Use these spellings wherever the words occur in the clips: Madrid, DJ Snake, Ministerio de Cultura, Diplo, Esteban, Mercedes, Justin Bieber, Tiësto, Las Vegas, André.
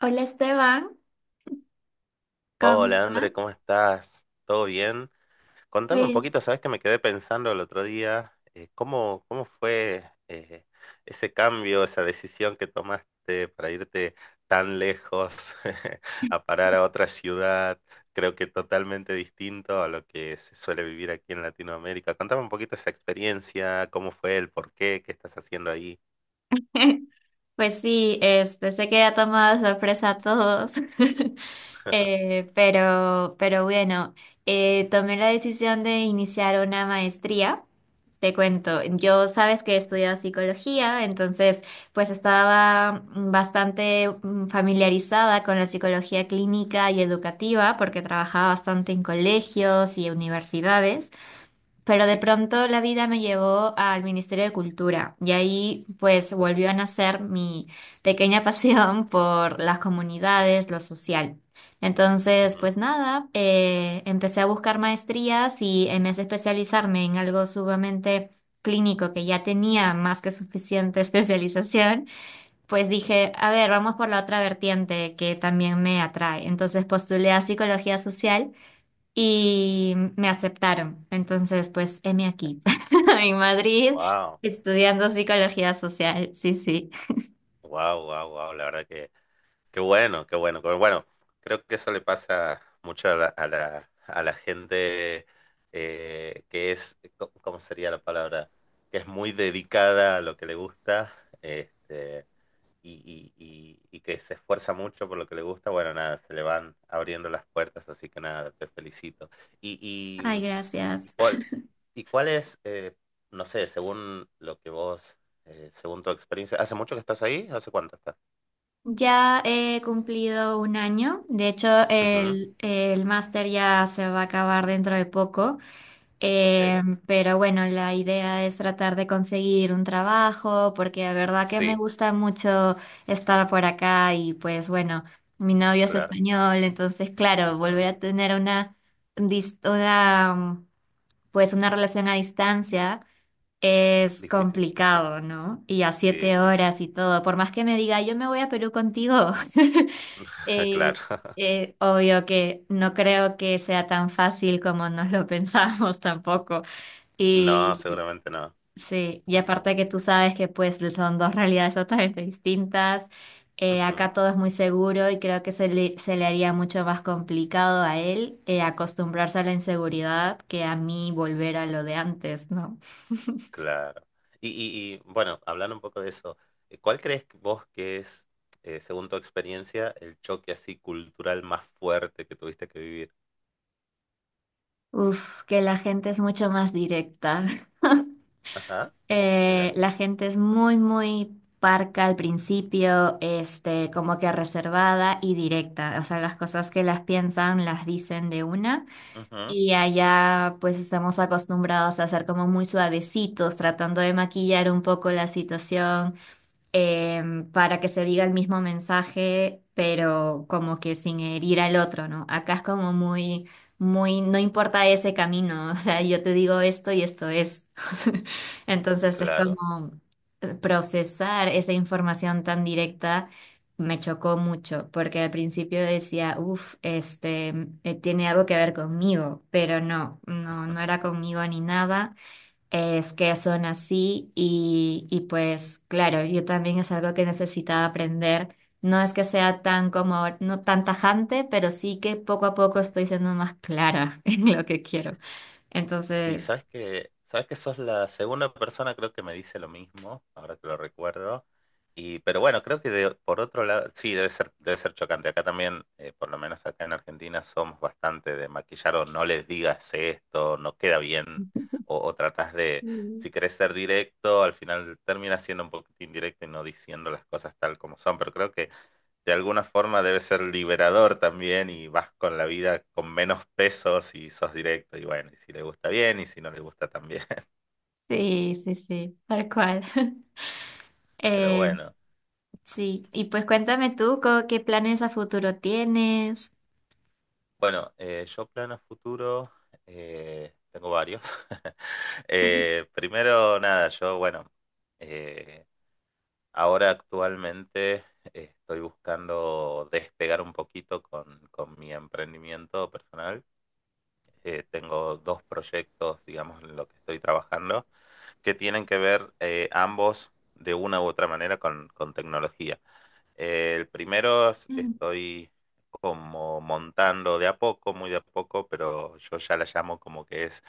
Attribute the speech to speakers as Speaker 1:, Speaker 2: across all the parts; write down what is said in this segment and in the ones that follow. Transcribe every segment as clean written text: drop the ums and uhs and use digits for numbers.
Speaker 1: Hola Esteban, ¿cómo
Speaker 2: Hola,
Speaker 1: estás?
Speaker 2: André, ¿cómo estás? ¿Todo bien? Contame un
Speaker 1: Pues,
Speaker 2: poquito, sabes que me quedé pensando el otro día, ¿cómo fue eh, ese cambio, esa decisión que tomaste para irte tan lejos a parar a otra ciudad? Creo que totalmente distinto a lo que se suele vivir aquí en Latinoamérica. Contame un poquito esa experiencia, cómo fue, el por qué, qué estás haciendo ahí.
Speaker 1: pues sí, este, sé que ha tomado de sorpresa a todos, pero bueno, tomé la decisión de iniciar una maestría. Te cuento, yo sabes que he
Speaker 2: Ujú.
Speaker 1: estudiado psicología, entonces pues estaba bastante familiarizada con la psicología clínica y educativa porque trabajaba bastante en colegios y universidades. Pero de
Speaker 2: Sí.
Speaker 1: pronto la vida me llevó al Ministerio de Cultura y ahí pues
Speaker 2: Ok.
Speaker 1: volvió a nacer mi pequeña pasión por las comunidades, lo social. Entonces, pues nada, empecé a buscar maestrías y en vez de especializarme en algo sumamente clínico que ya tenía más que suficiente especialización, pues dije, a ver, vamos por la otra vertiente que también me atrae. Entonces postulé a psicología social y me aceptaron. Entonces, pues, heme aquí, en Madrid,
Speaker 2: Wow,
Speaker 1: estudiando psicología social. Sí, sí.
Speaker 2: wow, wow, wow. La verdad que qué bueno, qué bueno, qué bueno, bueno, creo que eso le pasa mucho a la gente que es, co- ¿cómo sería la palabra? Que es muy dedicada a lo que le gusta, este, y que se esfuerza mucho por lo que le gusta. Bueno, nada, se le van abriendo las puertas, así que nada, te felicito. Y,
Speaker 1: Ay,
Speaker 2: y, ¿Y
Speaker 1: gracias.
Speaker 2: cuál, y cuál es, no sé, según lo que vos, según tu experiencia, hace mucho que estás ahí? ¿Hace cuánto estás?
Speaker 1: Ya he cumplido un año. De hecho,
Speaker 2: Ujú,
Speaker 1: el máster ya se va a acabar dentro de poco.
Speaker 2: ok.
Speaker 1: Pero bueno, la idea es tratar de conseguir un trabajo, porque de verdad que me
Speaker 2: Sí,
Speaker 1: gusta mucho estar por acá y pues bueno, mi novio es
Speaker 2: claro.
Speaker 1: español, entonces claro, volver
Speaker 2: Ujú.
Speaker 1: a tener una, dis- una, mm, pues una relación a distancia
Speaker 2: Es
Speaker 1: es
Speaker 2: difícil.
Speaker 1: complicado, ¿no? Y a
Speaker 2: Sí,
Speaker 1: siete
Speaker 2: sí.
Speaker 1: horas y todo, por más que me diga, yo me voy a Perú contigo.
Speaker 2: Claro.
Speaker 1: eh, obvio que no creo que sea tan fácil como nos lo pensamos tampoco.
Speaker 2: No,
Speaker 1: Y
Speaker 2: seguramente no.
Speaker 1: sí, y aparte que tú sabes que pues son dos realidades totalmente distintas,
Speaker 2: Ujú.
Speaker 1: acá todo es muy seguro y creo que se le haría mucho más complicado a él acostumbrarse a la inseguridad que a mí volver a lo de antes, ¿no?
Speaker 2: Claro. Bueno, hablando un poco de eso, ¿cuál crees que vos que es, según tu experiencia, el choque así cultural más fuerte que tuviste que vivir?
Speaker 1: Uf, que la gente es mucho más directa.
Speaker 2: Ajá, mira.
Speaker 1: La gente es muy, muy parca al principio, este, como que reservada y directa. O sea, las cosas que las piensan las dicen de una.
Speaker 2: Ujú.
Speaker 1: Y allá pues estamos acostumbrados a ser como muy suavecitos, tratando de maquillar un poco la situación eh, para que se diga el mismo mensaje, pero como que sin herir al otro, ¿no? Acá es como muy, muy, no importa ese camino, o sea, yo te digo esto y esto es. Entonces es
Speaker 2: Claro.
Speaker 1: como procesar esa información tan directa. Me chocó mucho porque al principio decía, uff, tiene algo que ver conmigo, pero no, no, no era conmigo ni nada. Es que son así y pues claro, yo también es algo que necesitaba aprender. No es que sea tan como, no tan tajante, pero sí que poco a poco estoy siendo más clara en lo que quiero.
Speaker 2: Sí,
Speaker 1: Entonces,
Speaker 2: sabes que sos la segunda persona creo que me dice lo mismo, ahora que lo recuerdo. Y pero bueno, creo que de- por otro lado, sí, debe ser chocante. Acá también, por lo menos acá en Argentina, somos bastante de maquillar o no les digas esto, no queda bien, o tratás de,
Speaker 1: mm.
Speaker 2: si querés ser directo, al final termina siendo un poquito indirecto y no diciendo las cosas tal como son. Pero creo que de alguna forma debe ser liberador también y vas con la vida con menos pesos y sos directo y bueno, y si le gusta bien y si no le gusta también.
Speaker 1: Sí, sí, sí, tal cual.
Speaker 2: Pero
Speaker 1: Eh,
Speaker 2: bueno,
Speaker 1: sí, y pues cuéntame tú, ¿qué planes a futuro tienes?
Speaker 2: bueno, yo planos futuro, tengo varios. Primero, nada, yo bueno, eh, ahora actualmente estoy buscando despegar un poquito con mi emprendimiento personal. Tengo dos proyectos, digamos, en lo que estoy trabajando que tienen que ver ambos de una u otra manera con tecnología. El primero es-
Speaker 1: Mm,
Speaker 2: estoy como montando de a poco, muy de a poco, pero yo ya la llamo como que es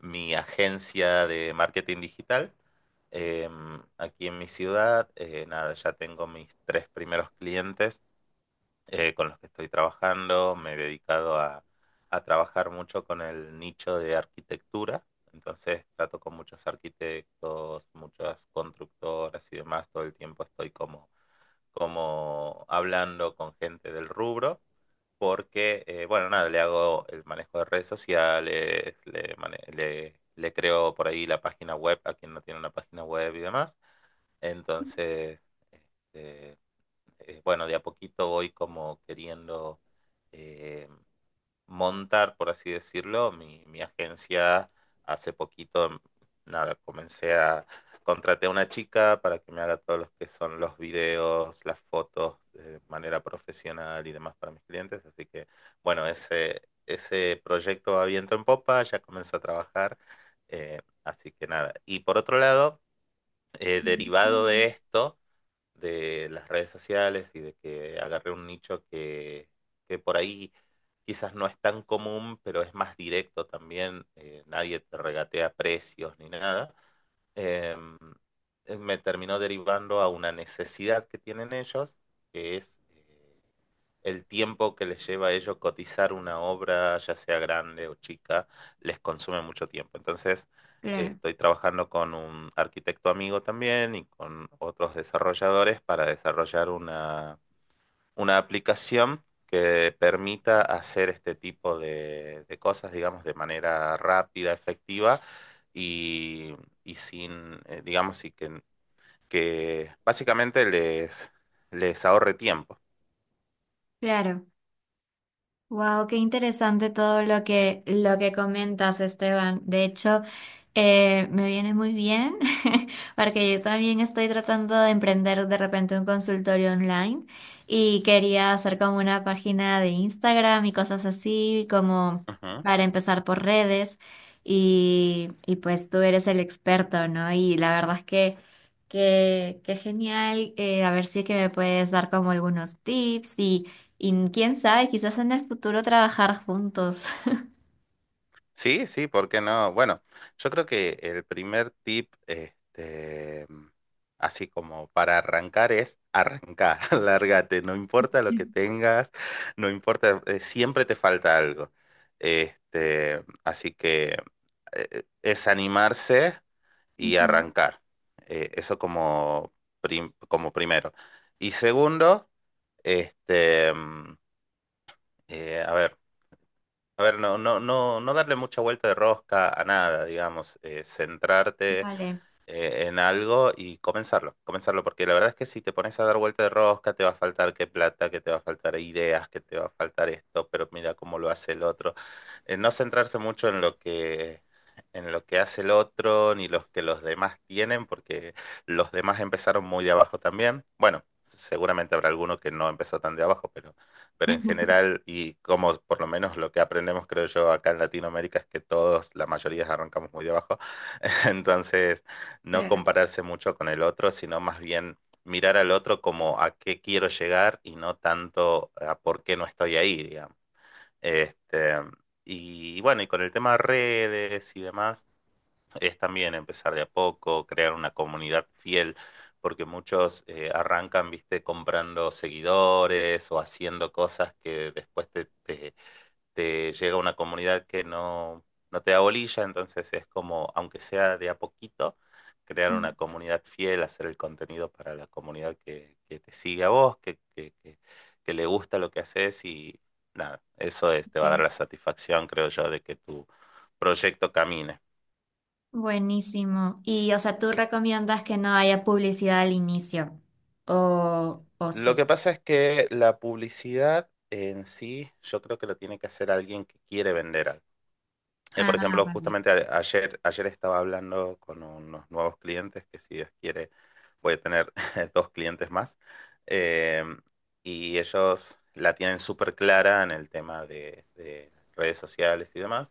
Speaker 2: mi agencia de marketing digital. Aquí en mi ciudad, nada, ya tengo mis tres primeros clientes con los que estoy trabajando. Me he dedicado a trabajar mucho con el nicho de arquitectura. Entonces trato con muchos arquitectos, muchas constructoras y demás. Todo el tiempo estoy como hablando con gente del rubro. Porque bueno, nada, le hago el manejo de redes sociales, le creo por ahí la página web a quien no tiene una página web y demás. Entonces, este, bueno, de a poquito voy como queriendo eh, montar, por así decirlo, mi agencia. Hace poquito, nada, comencé a contraté a una chica para que me haga todos los que son los videos, las fotos, de manera profesional y demás para mis clientes. Así que bueno, ese proyecto va viento en popa, ya comencé a trabajar. Así que nada. Y por otro lado, derivado de
Speaker 1: mm.
Speaker 2: esto de las redes sociales y de que agarré un nicho que por ahí quizás no es tan común, pero es más directo también, nadie te regatea precios ni nada. em, Me terminó derivando a una necesidad que tienen ellos, que es el tiempo que les lleva a ellos cotizar una obra, ya sea grande o chica, les consume mucho tiempo. Entonces,
Speaker 1: Claro,
Speaker 2: estoy trabajando con un arquitecto amigo también y con otros desarrolladores para desarrollar una aplicación que permita hacer este tipo de cosas, digamos, de manera rápida, efectiva y, y sin, digamos, y que básicamente les ahorre tiempo.
Speaker 1: claro. Wow, qué interesante todo lo que comentas, Esteban. De hecho, me viene muy bien porque yo también estoy tratando de emprender de repente un consultorio online y quería hacer como una página de Instagram y cosas así, como
Speaker 2: Ujú.
Speaker 1: para empezar por redes. Y pues tú eres el experto, ¿no? Y la verdad es que genial. A ver si es que me puedes dar como algunos tips y quién sabe, quizás en el futuro trabajar juntos.
Speaker 2: Sí, sí, ¿por qué no? Bueno, yo creo que el primer tip, así como para arrancar, es arrancar, lárgate, no importa lo que tengas, no importa, siempre te falta algo. Así que es animarse y
Speaker 1: Ujú.
Speaker 2: arrancar. Eso como prim- como primero. Y segundo, este, mm, a ver. A ver, no, no, no, no darle mucha vuelta de rosca a nada, digamos, centrarte
Speaker 1: Vale.
Speaker 2: en algo y comenzarlo, porque la verdad es que si te pones a dar vuelta de rosca, te va a faltar que plata, que te va a faltar ideas, que te va a faltar esto, pero mira cómo lo hace el otro. No centrarse mucho en lo que hace el otro, ni los que los demás tienen, porque los demás empezaron muy de abajo también. Bueno, seguramente habrá alguno que no empezó tan de abajo, pero en general, y como por lo menos lo que aprendemos, creo yo, acá en Latinoamérica, es que todos, la mayoría arrancamos muy de abajo. Entonces, no
Speaker 1: Claro.
Speaker 2: compararse mucho con el otro, sino más bien mirar al otro como a qué quiero llegar y no tanto a por qué no estoy ahí, digamos. Este, y bueno, y con el tema de redes y demás, es también empezar de a poco, crear una comunidad fiel, porque muchos arrancan, viste, comprando seguidores o haciendo cosas que después te llega una comunidad que no te da bolilla, entonces es como, aunque sea de a poquito, crear
Speaker 1: Ok.
Speaker 2: una comunidad fiel, hacer el contenido para la comunidad que te sigue a vos, que le gusta lo que haces y nada, eso es, te va a dar la satisfacción, creo yo, de que tu proyecto camine.
Speaker 1: Buenísimo. Y, o sea, ¿tú recomiendas que no haya publicidad al inicio? ¿O
Speaker 2: Lo
Speaker 1: sí?
Speaker 2: que pasa es que la publicidad en sí, yo creo que lo tiene que hacer alguien que quiere vender algo.
Speaker 1: Ah,
Speaker 2: Por ejemplo,
Speaker 1: vale.
Speaker 2: justamente ayer estaba hablando con unos nuevos clientes que si Dios quiere voy a tener dos clientes más. Eh, y ellos la tienen súper clara en el tema de redes sociales y demás.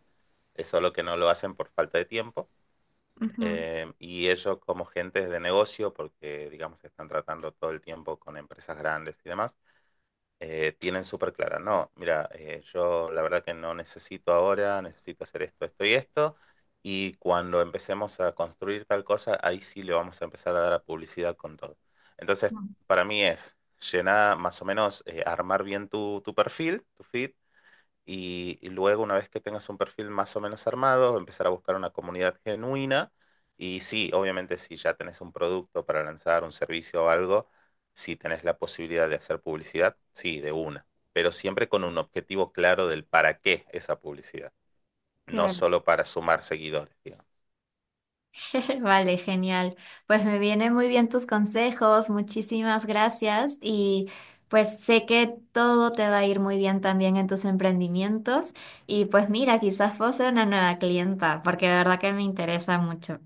Speaker 2: Es solo que no lo hacen por falta de tiempo.
Speaker 1: Ujú.
Speaker 2: Y ellos como gentes de negocio, porque digamos están tratando todo el tiempo con empresas grandes y demás, tienen súper clara, no, mira, yo la verdad que no necesito ahora, necesito hacer esto, esto y esto, y cuando empecemos a construir tal cosa, ahí sí le vamos a empezar a dar a publicidad con todo. Entonces, para mí es llenar, más o menos, armar bien tu perfil, tu feed, y luego una vez que tengas un perfil más o menos armado, empezar a buscar una comunidad genuina y sí, obviamente si ya tenés un producto para lanzar, un servicio o algo, si tenés la posibilidad de hacer publicidad, sí, de una, pero siempre con un objetivo claro del para qué esa publicidad, no
Speaker 1: Claro.
Speaker 2: solo para sumar seguidores, digamos.
Speaker 1: Vale, genial. Pues me vienen muy bien tus consejos, muchísimas gracias y pues sé que todo te va a ir muy bien también en tus emprendimientos y pues mira, quizás vos seas una nueva clienta porque de verdad que me interesa mucho.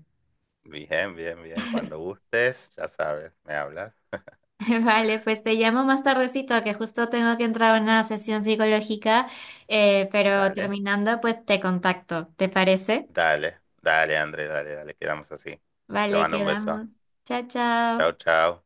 Speaker 2: Bien, bien, bien, cuando gustes, ya sabes, me hablas.
Speaker 1: Vale, pues te llamo más tardecito que justo tengo que entrar a una sesión psicológica, pero
Speaker 2: Dale,
Speaker 1: terminando pues te contacto, ¿te parece?
Speaker 2: dale, dale, André, dale, dale, quedamos así. Te
Speaker 1: Vale,
Speaker 2: mando un beso.
Speaker 1: quedamos. Chao,
Speaker 2: Chao,
Speaker 1: chao.
Speaker 2: chao.